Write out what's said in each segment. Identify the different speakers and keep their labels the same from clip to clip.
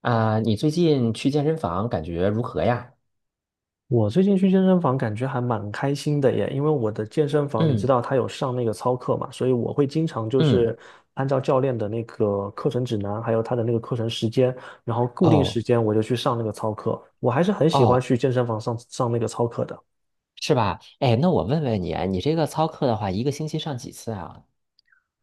Speaker 1: 啊，你最近去健身房感觉如何呀？
Speaker 2: 我最近去健身房感觉还蛮开心的耶，因为我的健身房你知
Speaker 1: 嗯
Speaker 2: 道它有上那个操课嘛，所以我会经常就是
Speaker 1: 嗯，
Speaker 2: 按照教练的那个课程指南，还有他的那个课程时间，然后固定
Speaker 1: 哦
Speaker 2: 时间我就去上那个操课。我还是很喜欢
Speaker 1: 哦，
Speaker 2: 去健身房上上那个操课的。
Speaker 1: 是吧？哎，那我问问你啊，你这个操课的话，一个星期上几次啊？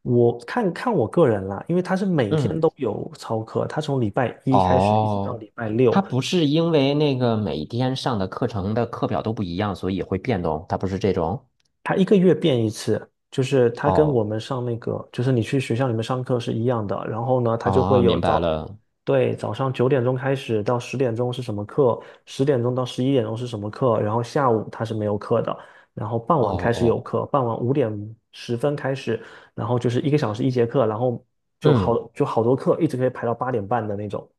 Speaker 2: 我看看我个人啦，因为他是每天
Speaker 1: 嗯，
Speaker 2: 都有操课，他从礼拜一开始一直到
Speaker 1: 哦，
Speaker 2: 礼拜六，
Speaker 1: 它不是因为那个每天上的课程的课表都不一样，所以会变动，它不是这种。
Speaker 2: 它一个月变一次，就是它跟我
Speaker 1: 哦，
Speaker 2: 们上那个，就是你去学校里面上课是一样的。然后呢，它就会
Speaker 1: 哦，
Speaker 2: 有
Speaker 1: 明白
Speaker 2: 早，
Speaker 1: 了。
Speaker 2: 对，早上九点钟开始到十点钟是什么课，十点钟到十一点钟是什么课，然后下午它是没有课的，然后傍
Speaker 1: 哦
Speaker 2: 晚开始有
Speaker 1: 哦，
Speaker 2: 课，傍晚5点10分开始，然后就是一个小时一节课，然后就
Speaker 1: 嗯。
Speaker 2: 好就好多课，一直可以排到8点半的那种。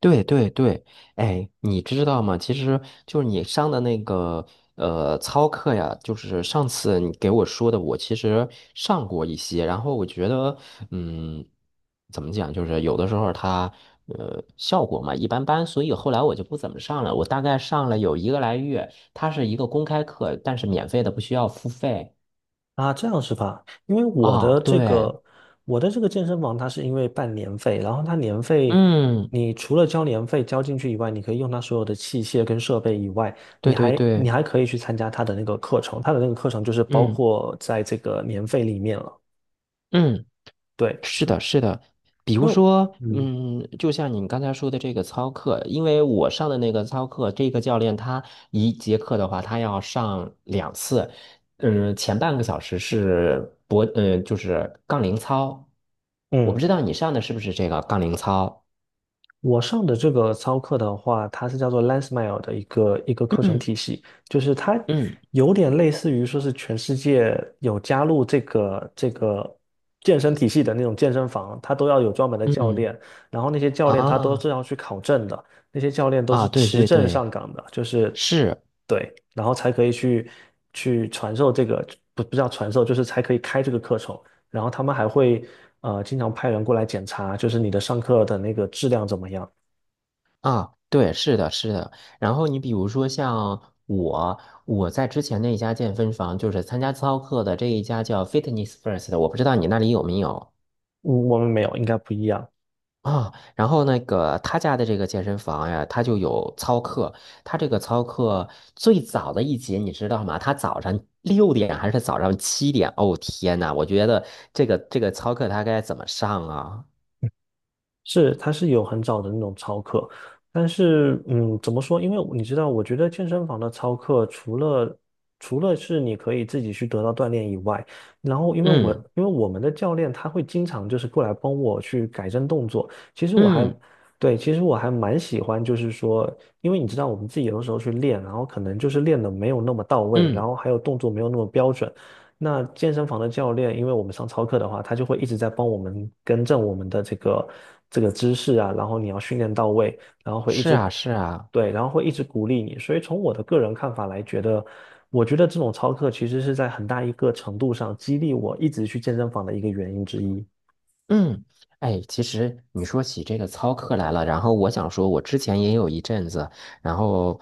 Speaker 1: 对对对，哎，你知道吗？其实就是你上的那个操课呀，就是上次你给我说的，我其实上过一些，然后我觉得，嗯，怎么讲，就是有的时候它效果嘛一般般，所以后来我就不怎么上了。我大概上了有一个来月，它是一个公开课，但是免费的，不需要付费
Speaker 2: 啊，这样是吧？因为我
Speaker 1: 啊。
Speaker 2: 的这
Speaker 1: 对，
Speaker 2: 个，我的这个健身房，它是因为办年费，然后它年费，
Speaker 1: 嗯，
Speaker 2: 你除了交年费交进去以外，你可以用它所有的器械跟设备以外，你
Speaker 1: 对对
Speaker 2: 还你
Speaker 1: 对，
Speaker 2: 还可以去参加它的那个课程，它的那个课程就是包
Speaker 1: 嗯
Speaker 2: 括在这个年费里面了。
Speaker 1: 嗯。
Speaker 2: 对，
Speaker 1: 是
Speaker 2: 是
Speaker 1: 的，是的，比
Speaker 2: 因
Speaker 1: 如
Speaker 2: 为
Speaker 1: 说，
Speaker 2: 嗯
Speaker 1: 嗯，就像你刚才说的这个操课，因为我上的那个操课，这个教练他一节课的话，他要上两次，前半个小时是脖，就是杠铃操，我
Speaker 2: 嗯。
Speaker 1: 不知道你上的是不是这个杠铃操，
Speaker 2: 我上的这个操课的话，它是叫做 LensMile 的一个一个课程
Speaker 1: 嗯
Speaker 2: 体系，就是它
Speaker 1: 嗯
Speaker 2: 有点类似于说是全世界有加入这个健身体系的那种健身房，它都要有专门的教
Speaker 1: 嗯，
Speaker 2: 练，然后那些教练他都
Speaker 1: 啊
Speaker 2: 是要去考证的，那些教练都是
Speaker 1: 啊，对
Speaker 2: 持
Speaker 1: 对
Speaker 2: 证
Speaker 1: 对，
Speaker 2: 上岗的，就是
Speaker 1: 是。
Speaker 2: 对，然后才可以去传授这个，不叫传授，就是才可以开这个课程。然后他们还会经常派人过来检查，就是你的上课的那个质量怎么样。
Speaker 1: 啊，对，是的，是的。然后你比如说像我，我在之前那一家健身房，就是参加操课的这一家叫 Fitness First 我不知道你那里有没有
Speaker 2: 嗯，我们没有，应该不一样。
Speaker 1: 啊。然后那个他家的这个健身房呀，他就有操课。他这个操课最早的一节你知道吗？他早上六点还是早上七点？哦天呐，我觉得这个操课他该怎么上啊？
Speaker 2: 是，它是有很早的那种操课，但是，怎么说？因为你知道，我觉得健身房的操课除了是你可以自己去得到锻炼以外，然后
Speaker 1: 嗯
Speaker 2: 因为我们的教练他会经常就是过来帮我去改正动作，其实我还
Speaker 1: 嗯
Speaker 2: 对，其实我还蛮喜欢，就是说，因为你知道我们自己有的时候去练，然后可能就是练的没有那么到位，然
Speaker 1: 嗯，
Speaker 2: 后还有动作没有那么标准。那健身房的教练，因为我们上操课的话，他就会一直在帮我们更正我们的这个姿势啊，然后你要训练到位，然后会一
Speaker 1: 是
Speaker 2: 直
Speaker 1: 啊是啊。
Speaker 2: 对，然后会一直鼓励你。所以从我的个人看法来觉得，我觉得这种操课其实是在很大一个程度上激励我一直去健身房的一个原因之一。
Speaker 1: 嗯，哎，其实你说起这个操课来了，然后我想说，我之前也有一阵子，然后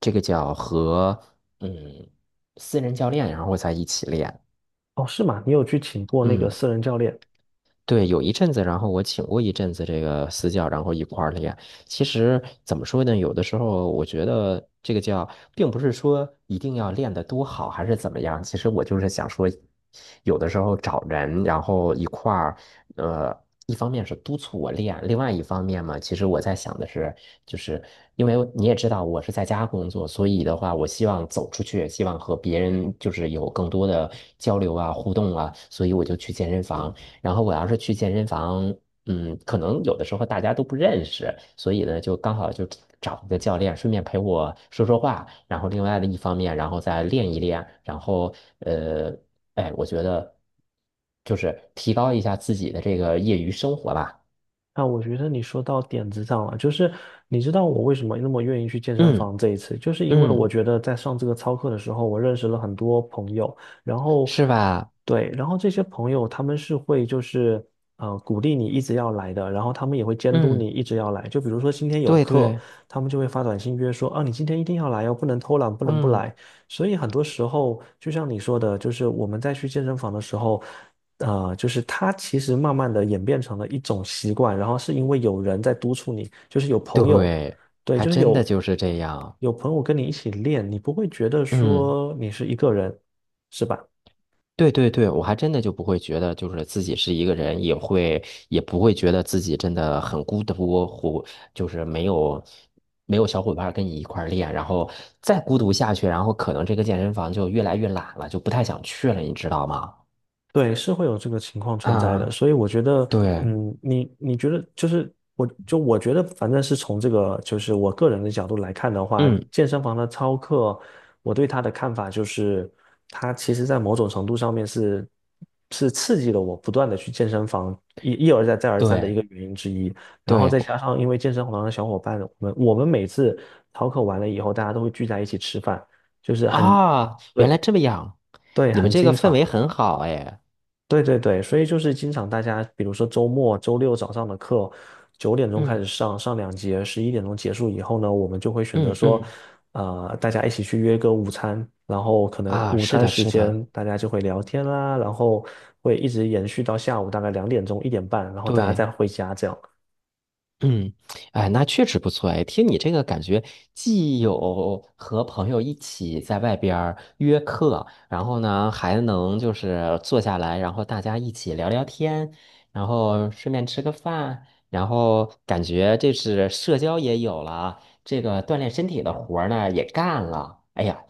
Speaker 1: 这个叫和嗯私人教练，然后在一起练，
Speaker 2: 哦，是吗？你有去请过那个
Speaker 1: 嗯。
Speaker 2: 私人教练？
Speaker 1: 对，有一阵子，然后我请过一阵子这个私教，然后一块儿练。其实怎么说呢，有的时候我觉得这个叫，并不是说一定要练得多好，还是怎么样。其实我就是想说，有的时候找人，然后一块儿，呃，一方面是督促我练，另外一方面嘛，其实我在想的是，就是因为你也知道我是在家工作，所以的话，我希望走出去，希望和别人就是有更多的交流啊、互动啊，所以我就去健身房。然后我要是去健身房，可能有的时候大家都不认识，所以呢，就刚好就找一个教练，顺便陪我说说话，然后另外的一方面，然后再练一练，然后呃，哎，我觉得就是提高一下自己的这个业余生活吧。
Speaker 2: 啊，我觉得你说到点子上了，就是你知道我为什么那么愿意去健身
Speaker 1: 嗯
Speaker 2: 房这一次，就是因为我
Speaker 1: 嗯，
Speaker 2: 觉得在上这个操课的时候，我认识了很多朋友，然后
Speaker 1: 是吧？
Speaker 2: 对，然后这些朋友他们是会就是鼓励你一直要来的，然后他们也会监督
Speaker 1: 嗯，
Speaker 2: 你一直要来，就比如说今天有
Speaker 1: 对
Speaker 2: 课，
Speaker 1: 对，
Speaker 2: 他们就会发短信约说啊你今天一定要来哦，不能偷懒，不能不
Speaker 1: 嗯
Speaker 2: 来。所以很多时候就像你说的，就是我们在去健身房的时候。啊，就是它其实慢慢的演变成了一种习惯，然后是因为有人在督促你，就是有朋友，
Speaker 1: 对，
Speaker 2: 对，
Speaker 1: 还真的就是这样。
Speaker 2: 有朋友跟你一起练，你不会觉得
Speaker 1: 嗯。
Speaker 2: 说你是一个人，是吧？
Speaker 1: 对对对，我还真的就不会觉得就是自己是一个人，也不会觉得自己真的很孤独，或就是没有小伙伴儿跟你一块儿练，然后再孤独下去，然后可能这个健身房就越来越懒了，就不太想去了，你知道吗？
Speaker 2: 对，是会有这个情况存在的，
Speaker 1: 啊，
Speaker 2: 所以我觉得，
Speaker 1: 对，
Speaker 2: 嗯，你你觉得就是我就我觉得，反正是从这个就是我个人的角度来看的话，
Speaker 1: 嗯，
Speaker 2: 健身房的操课，我对他的看法就是，他其实在某种程度上面是刺激了我不断的去健身房一一而再再而三的一
Speaker 1: 对
Speaker 2: 个原因之一。然后再加
Speaker 1: 对
Speaker 2: 上因为健身房的小伙伴，我们每次操课完了以后，大家都会聚在一起吃饭，就是很
Speaker 1: 啊，原
Speaker 2: 对
Speaker 1: 来这么样，
Speaker 2: 对，
Speaker 1: 你们
Speaker 2: 很
Speaker 1: 这个
Speaker 2: 经
Speaker 1: 氛
Speaker 2: 常。
Speaker 1: 围很好哎，
Speaker 2: 对对对，所以就是经常大家，比如说周末、周六早上的课，九点钟开始
Speaker 1: 嗯
Speaker 2: 上，上两节，十一点钟结束以后呢，我们就会选择
Speaker 1: 嗯
Speaker 2: 说，
Speaker 1: 嗯，
Speaker 2: 大家一起去约个午餐，然后可能
Speaker 1: 啊，
Speaker 2: 午
Speaker 1: 是
Speaker 2: 餐
Speaker 1: 的，
Speaker 2: 时
Speaker 1: 是的，
Speaker 2: 间大家就会聊天啦，然后会一直延续到下午大概2点钟、1点半，然后大家再
Speaker 1: 对。
Speaker 2: 回家这样。
Speaker 1: 嗯，哎，那确实不错哎。听你这个感觉，既有和朋友一起在外边儿约课，然后呢，还能就是坐下来，然后大家一起聊聊天，然后顺便吃个饭，然后感觉这是社交也有了，这个锻炼身体的活儿呢也干了。哎呀，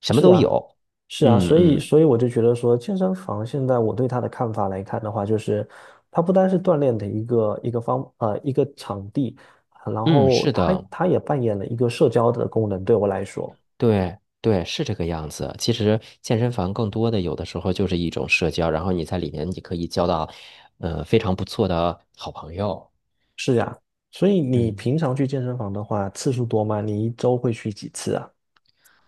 Speaker 1: 什么
Speaker 2: 是
Speaker 1: 都
Speaker 2: 啊。
Speaker 1: 有。
Speaker 2: 是啊，
Speaker 1: 嗯
Speaker 2: 所以
Speaker 1: 嗯
Speaker 2: 所以我就觉得说，健身房现在我对它的看法来看的话，就是它不单是锻炼的一个场地，然
Speaker 1: 嗯，
Speaker 2: 后
Speaker 1: 是
Speaker 2: 它
Speaker 1: 的。
Speaker 2: 它也扮演了一个社交的功能，对我来说。
Speaker 1: 对对，是这个样子。其实健身房更多的有的时候就是一种社交，然后你在里面你可以交到，非常不错的好朋友。
Speaker 2: 是呀，所以你
Speaker 1: 嗯，
Speaker 2: 平常去健身房的话，次数多吗？你一周会去几次啊？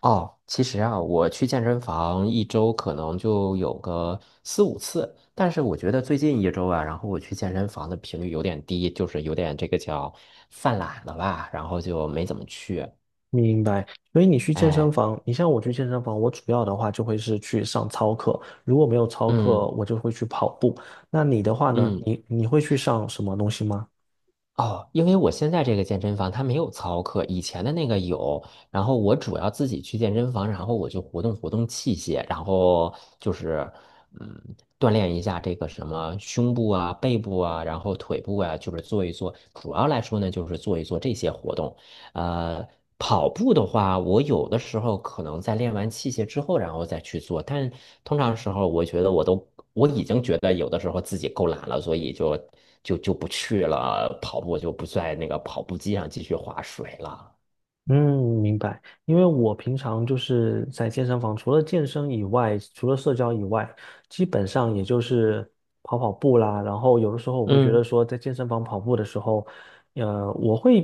Speaker 1: 哦，其实啊，我去健身房一周可能就有个四五次，但是我觉得最近一周啊，然后我去健身房的频率有点低，就是有点这个叫犯懒了吧，然后就没怎么去。
Speaker 2: 明白。所以你去健身
Speaker 1: 哎，
Speaker 2: 房，你像我去健身房，我主要的话就会是去上操课，如果没有操课，
Speaker 1: 嗯
Speaker 2: 我就会去跑步。那你的话呢？
Speaker 1: 嗯。
Speaker 2: 你会去上什么东西吗？
Speaker 1: 哦，因为我现在这个健身房它没有操课，以前的那个有。然后我主要自己去健身房，然后我就活动活动器械，然后就是嗯，锻炼一下这个什么胸部啊、背部啊，然后腿部啊，就是做一做。主要来说呢，就是做一做这些活动。呃，跑步的话，我有的时候可能在练完器械之后，然后再去做，但通常时候，我觉得我已经觉得有的时候自己够懒了，所以就不去了跑步，就不在那个跑步机上继续划水了。
Speaker 2: 嗯，明白。因为我平常就是在健身房，除了健身以外，除了社交以外，基本上也就是跑跑步啦。然后有的时候我会觉得
Speaker 1: 嗯，
Speaker 2: 说，在健身房跑步的时候，呃，我会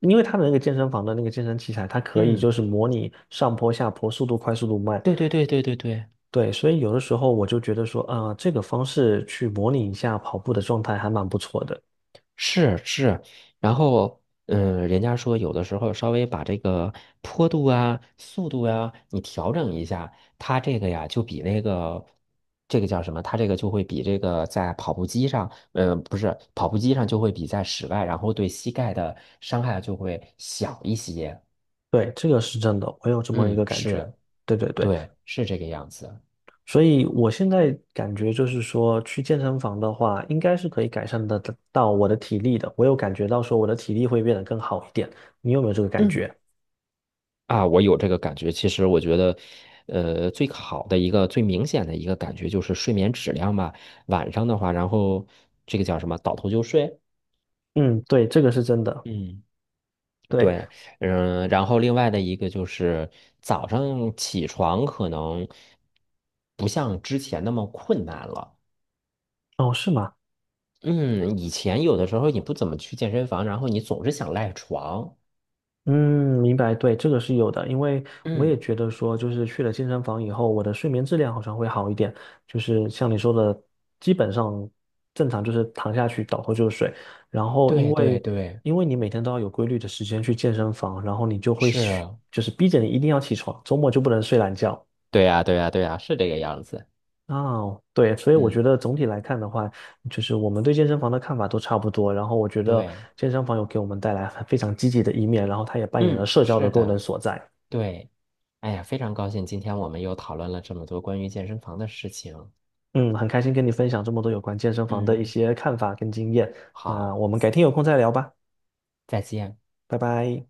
Speaker 2: 因为他的那个健身房的那个健身器材，它可以
Speaker 1: 嗯，
Speaker 2: 就是模拟上坡、下坡、速度快、速度慢。
Speaker 1: 对对对对对对。
Speaker 2: 对，所以有的时候我就觉得说，啊、这个方式去模拟一下跑步的状态还蛮不错的。
Speaker 1: 是是，然后人家说有的时候稍微把这个坡度啊、速度啊，你调整一下，它这个呀就比那个这个叫什么？它这个就会比这个在跑步机上，不是跑步机上就会比在室外，然后对膝盖的伤害就会小一些。
Speaker 2: 对，这个是真的，我有这么一个
Speaker 1: 嗯，
Speaker 2: 感觉。
Speaker 1: 是，
Speaker 2: 对对对。
Speaker 1: 对，是这个样子。
Speaker 2: 所以我现在感觉就是说，去健身房的话，应该是可以改善得到我的体力的。我有感觉到说我的体力会变得更好一点，你有没有这个感
Speaker 1: 嗯。
Speaker 2: 觉？
Speaker 1: 啊，我有这个感觉。其实我觉得，最好的一个最明显的一个感觉就是睡眠质量吧。晚上的话，然后这个叫什么，倒头就睡。
Speaker 2: 嗯，对，这个是真的。
Speaker 1: 嗯，
Speaker 2: 对，
Speaker 1: 对，然后另外的一个就是早上起床可能不像之前那么困难了。
Speaker 2: 哦，是吗？
Speaker 1: 嗯，以前有的时候你不怎么去健身房，然后你总是想赖床。
Speaker 2: 嗯，明白，对，这个是有的，因为我也
Speaker 1: 嗯，
Speaker 2: 觉得说，就是去了健身房以后，我的睡眠质量好像会好一点，就是像你说的，基本上正常就是躺下去倒头就睡，然后
Speaker 1: 对对对，
Speaker 2: 因为你每天都要有规律的时间去健身房，然后你就会
Speaker 1: 是啊
Speaker 2: 就是逼着你一定要起床，周末就不能睡懒觉。
Speaker 1: 对呀，对呀，对呀，是这个样子。
Speaker 2: 哦，对，所以我觉
Speaker 1: 嗯，
Speaker 2: 得总体来看的话，就是我们对健身房的看法都差不多。然后我觉得
Speaker 1: 对。
Speaker 2: 健身房有给我们带来非常积极的一面，然后它也扮演了
Speaker 1: 嗯，
Speaker 2: 社交的
Speaker 1: 是
Speaker 2: 功能
Speaker 1: 的，
Speaker 2: 所在。
Speaker 1: 对。哎呀，非常高兴今天我们又讨论了这么多关于健身房的事情。
Speaker 2: 嗯，很开心跟你分享这么多有关健身房的一
Speaker 1: 嗯，
Speaker 2: 些看法跟经验。那
Speaker 1: 好，
Speaker 2: 我们改天有空再聊吧，
Speaker 1: 再见。
Speaker 2: 拜拜。